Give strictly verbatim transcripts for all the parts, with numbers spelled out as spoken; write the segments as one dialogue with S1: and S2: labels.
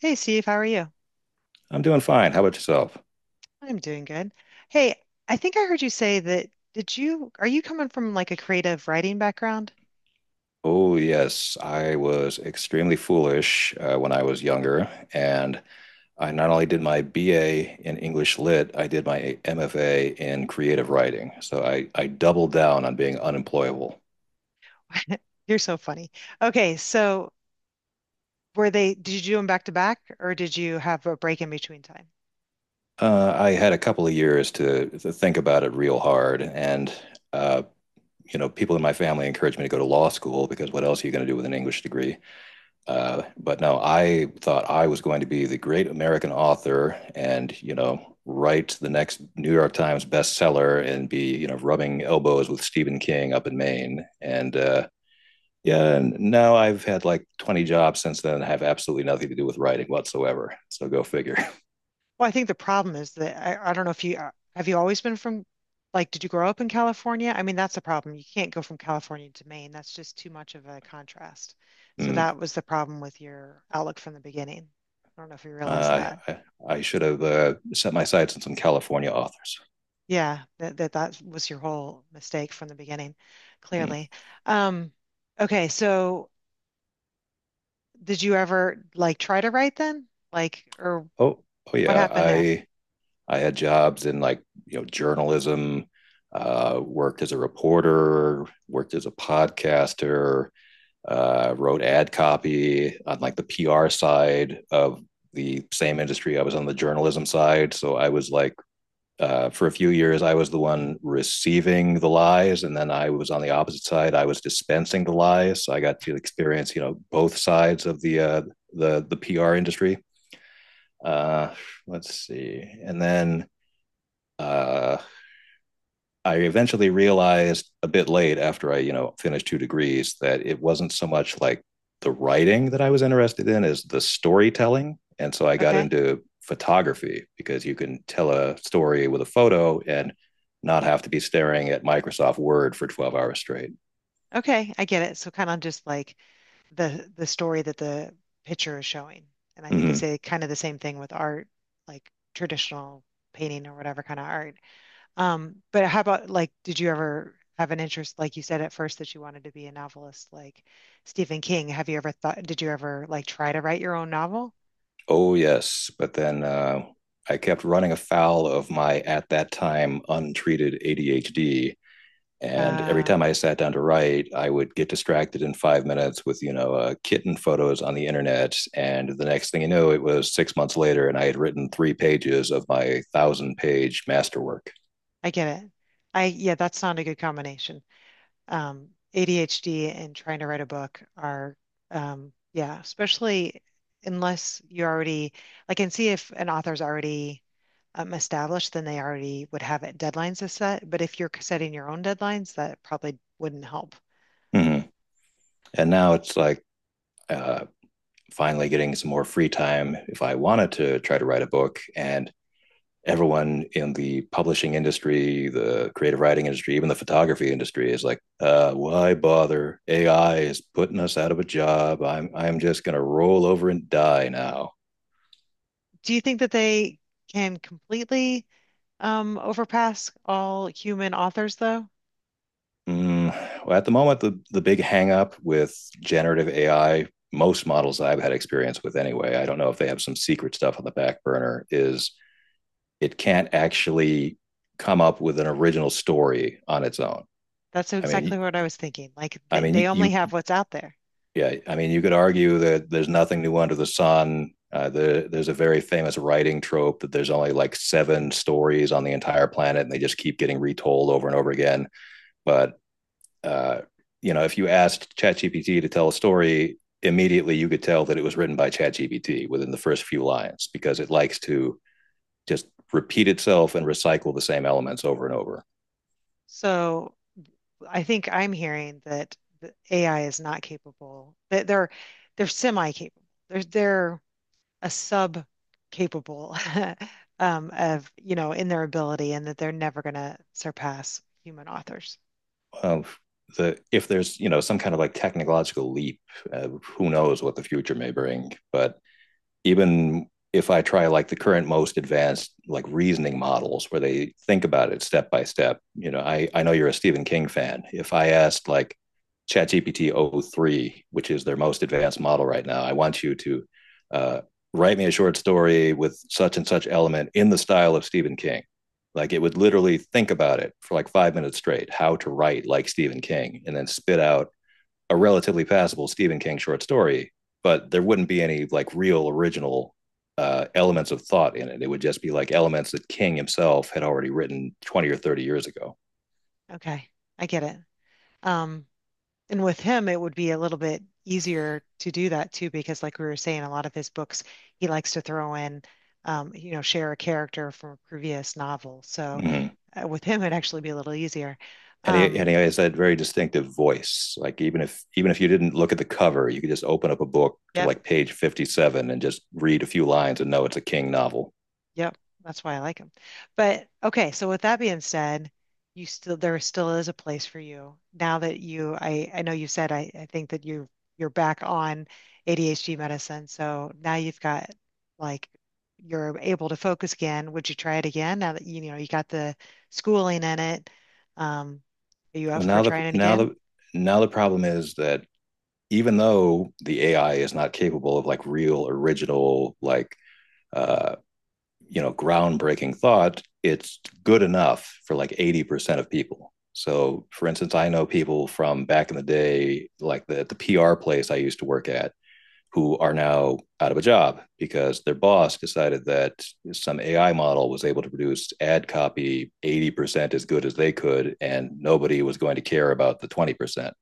S1: Hey Steve, how are you?
S2: I'm doing fine. How about yourself?
S1: I'm doing good. Hey, I think I heard you say that did you are you coming from like a creative writing background?
S2: Oh, yes. I was extremely foolish uh, when I was younger. And I not only did my B A in English Lit, I did my M F A in creative writing. So I, I doubled down on being unemployable.
S1: You're so funny. Okay, so were they did you do them back to back or did you have a break in between time?
S2: Uh, I had a couple of years to, to think about it real hard. And, uh, you know, people in my family encouraged me to go to law school because what else are you going to do with an English degree? Uh, but no, I thought I was going to be the great American author and, you know, write the next New York Times bestseller and be, you know, rubbing elbows with Stephen King up in Maine. And uh, Yeah, and now I've had like twenty jobs since then and have absolutely nothing to do with writing whatsoever. So go figure.
S1: Well, I think the problem is that I, I don't know if you uh, have you always been from like did you grow up in California? I mean, that's the problem. You can't go from California to Maine. That's just too much of a contrast. So
S2: Mm.
S1: that was the problem with your outlook from the beginning. I don't know if you realize
S2: Uh,
S1: that.
S2: I, I should have uh, set my sights on some California authors.
S1: Yeah, that that that was your whole mistake from the beginning,
S2: Mm.
S1: clearly. Um, okay, so did you ever like try to write then? Like, or
S2: Oh, oh
S1: what
S2: yeah.
S1: happened there?
S2: I I had jobs in like, you know, journalism, uh, worked as a reporter, worked as a podcaster, uh, wrote ad copy on like the P R side of the same industry. I was on the journalism side, so I was like, uh, for a few years I was the one receiving the lies, and then I was on the opposite side. I was dispensing the lies, so I got to experience, you know, both sides of the uh, the the P R industry. Uh, let's see, and then uh, I eventually realized a bit late after I, you know, finished two degrees that it wasn't so much like the writing that I was interested in as the storytelling. And so I got
S1: Okay.
S2: into photography because you can tell a story with a photo and not have to be staring at Microsoft Word for twelve hours straight.
S1: Okay, I get it. So kind of just like the the story that the picture is showing. And I think they
S2: Mm-hmm.
S1: say kind of the same thing with art, like traditional painting or whatever kind of art. Um, but how about like, did you ever have an interest, like you said at first that you wanted to be a novelist, like Stephen King? Have you ever thought, did you ever like try to write your own novel?
S2: Oh, yes. But then uh, I kept running afoul of my, at that time, untreated A D H D. And every
S1: Uh,
S2: time I sat down to write, I would get distracted in five minutes with, you know, uh, kitten photos on the internet. And the next thing you know, it was six months later, and I had written three pages of my thousand page masterwork.
S1: I get it. I, yeah, that's not a good combination. Um, A D H D and trying to write a book are, um, yeah, especially unless you already, like and see if an author's already um, established, then they already would have it deadlines to set. But if you're setting your own deadlines, that probably wouldn't help.
S2: Mm-hmm. And now it's like uh, finally getting some more free time if I wanted to try to write a book. And everyone in the publishing industry, the creative writing industry, even the photography industry is like, uh, why bother? A I is putting us out of a job. I'm I'm just gonna roll over and die now.
S1: Do you think that they can completely um, overpass all human authors, though?
S2: Mm, well, at the moment, the the big hang up with generative A I, most models I've had experience with anyway, I don't know if they have some secret stuff on the back burner, is it can't actually come up with an original story on its own.
S1: That's
S2: I
S1: exactly
S2: mean,
S1: what I was thinking. Like
S2: I
S1: they, they
S2: mean,
S1: only
S2: you
S1: have what's out there.
S2: Yeah, I mean, you could argue that there's nothing new under the sun. Uh, the, there's a very famous writing trope that there's only like seven stories on the entire planet, and they just keep getting retold over and over again. But uh, you know, if you asked ChatGPT to tell a story, immediately you could tell that it was written by ChatGPT within the first few lines because it likes to just repeat itself and recycle the same elements over and over.
S1: So I think I'm hearing that the A I is not capable. That they're they're semi-capable. They're they're a sub-capable um, of you know in their ability, and that they're never going to surpass human authors.
S2: Um, the if there's, you know, some kind of like technological leap, uh, who knows what the future may bring? But even if I try like the current most advanced like reasoning models where they think about it step by step, you know, I, I know you're a Stephen King fan. If I asked like ChatGPT o three, which is their most advanced model right now, I want you to uh, write me a short story with such and such element in the style of Stephen King. Like it would literally think about it for like five minutes straight, how to write like Stephen King, and then spit out a relatively passable Stephen King short story, but there wouldn't be any like real original uh, elements of thought in it. It would just be like elements that King himself had already written twenty or thirty years ago.
S1: Okay, I get it. Um, And with him, it would be a little bit easier to do that too, because like we were saying, a lot of his books, he likes to throw in, um, you know, share a character from a previous novel. So
S2: Mm-hmm.
S1: uh, with him, it'd actually be a little easier.
S2: And he
S1: Um,
S2: and he has that very distinctive voice. Like even if even if you didn't look at the cover, you could just open up a book to
S1: yep.
S2: like page fifty-seven and just read a few lines and know it's a King novel.
S1: Yep, that's why I like them. But okay, so with that being said, you still there still is a place for you now that you I I know you said I I think that you you're back on A D H D medicine, so now you've got like you're able to focus again. Would you try it again now that you know you got the schooling in it? Um, are you up
S2: Well,
S1: for
S2: now the
S1: trying it
S2: now
S1: again?
S2: the now the problem is that even though the A I is not capable of like real original, like, uh, you know, groundbreaking thought, it's good enough for like eighty percent of people. So for instance, I know people from back in the day, like the, the PR place I used to work at, who are now out of a job because their boss decided that some AI model was able to produce ad copy eighty percent as good as they could and nobody was going to care about the twenty percent.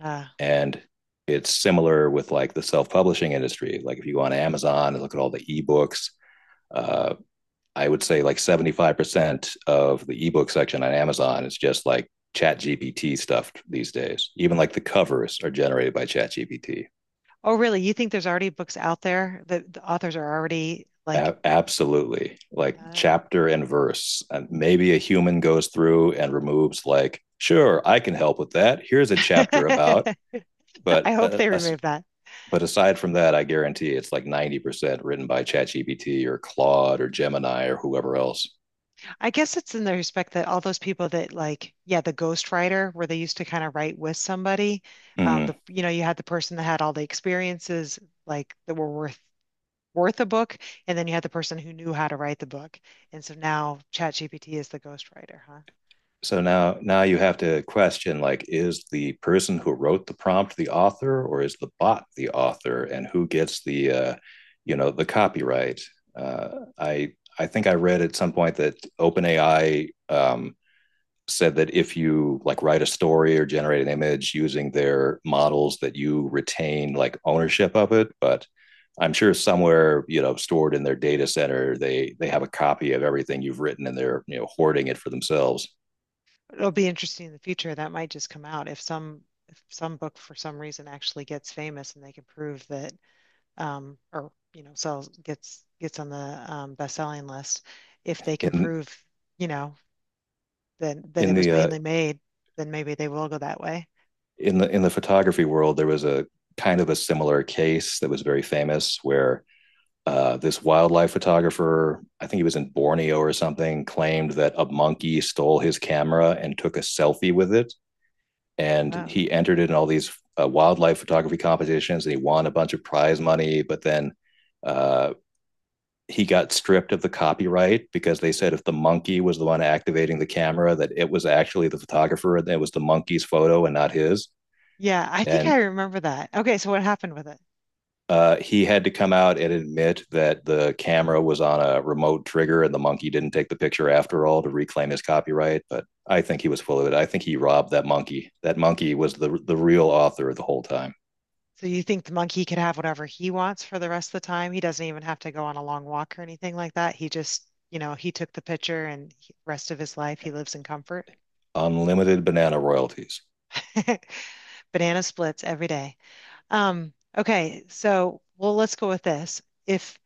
S1: Uh,
S2: And it's similar with like the self-publishing industry. Like if you go on Amazon and look at all the ebooks, uh, I would say like seventy-five percent of the ebook section on Amazon is just like chat G P T stuff these days. Even like the covers are generated by chat G P T.
S1: oh, really? You think there's already books out there that the authors are already like?
S2: Absolutely. Like
S1: Oh.
S2: chapter and verse. And maybe a human goes through and removes like, sure, I can help with that. Here's a chapter about,
S1: I
S2: but
S1: hope
S2: uh,
S1: they
S2: uh,
S1: remove that.
S2: but aside from that, I guarantee it's like ninety percent written by ChatGPT or Claude or Gemini or whoever else.
S1: I guess it's in the respect that all those people that like, yeah, the ghostwriter, where they used to kind of write with somebody, um,
S2: Mm-hmm.
S1: the you know, you had the person that had all the experiences like that were worth worth a book, and then you had the person who knew how to write the book. And so now ChatGPT is the ghostwriter, huh?
S2: So now now you have to question, like, is the person who wrote the prompt the author or is the bot the author, and who gets the, uh, you know, the copyright? Uh, i i think I read at some point that OpenAI, um, said that if you like write a story or generate an image using their models that you retain like ownership of it, but I'm sure somewhere, you know, stored in their data center, they they have a copy of everything you've written and they're, you know, hoarding it for themselves.
S1: It'll be interesting in the future. That might just come out if some if some book for some reason actually gets famous and they can prove that um or you know sells gets gets on the um best-selling list if they can
S2: in
S1: prove you know than that it
S2: in
S1: was
S2: the uh,
S1: mainly made, then maybe they will go that way.
S2: in the in the photography world, there was a kind of a similar case that was very famous where, uh, this wildlife photographer, I think he was in Borneo or something, claimed that a monkey stole his camera and took a selfie with it, and
S1: Oh,
S2: he entered it in all these uh, wildlife photography competitions, and he won a bunch of prize money, but then. Uh, he got stripped of the copyright because they said if the monkey was the one activating the camera, that it was actually the photographer and it was the monkey's photo and not his.
S1: yeah, I think I
S2: And
S1: remember that. Okay, so what happened with it?
S2: Uh, he had to come out and admit that the camera was on a remote trigger and the monkey didn't take the picture after all to reclaim his copyright. But I think he was full of it. I think he robbed that monkey. That monkey was the the real author the whole time.
S1: So you think the monkey could have whatever he wants for the rest of the time? He doesn't even have to go on a long walk or anything like that. He just, you know, he took the picture and he, rest of his life he lives in comfort.
S2: Unlimited banana royalties.
S1: Banana splits every day. Um, okay, so well, let's go with this. If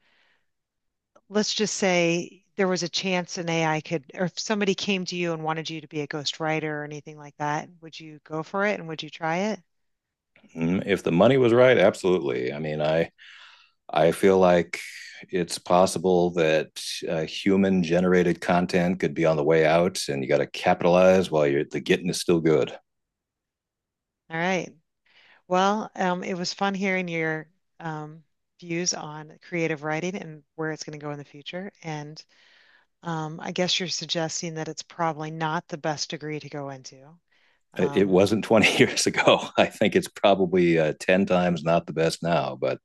S1: let's just say there was a chance an A I could, or if somebody came to you and wanted you to be a ghostwriter or anything like that, would you go for it and would you try it?
S2: Mm, if the money was right, absolutely. I mean, I I feel like it's possible that uh, human generated content could be on the way out, and you got to capitalize while you're the getting is still good.
S1: All right. Well, um, it was fun hearing your um, views on creative writing and where it's going to go in the future. And um, I guess you're suggesting that it's probably not the best degree to go into.
S2: It
S1: Um,
S2: wasn't twenty years ago. I think it's probably uh, ten times not the best now. But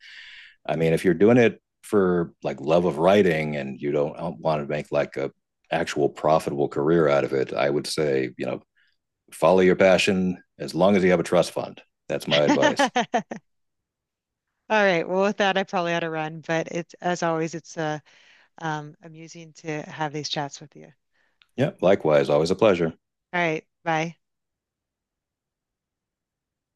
S2: I mean, if you're doing it for like love of writing and you don't uh, want to make like a actual profitable career out of it, I would say, you know, follow your passion as long as you have a trust fund. That's my advice.
S1: all right. Well, with that, I probably ought to run, but it's, as always, it's uh, um, amusing to have these chats with you. All
S2: Yeah. Likewise. Always a pleasure.
S1: right. Bye.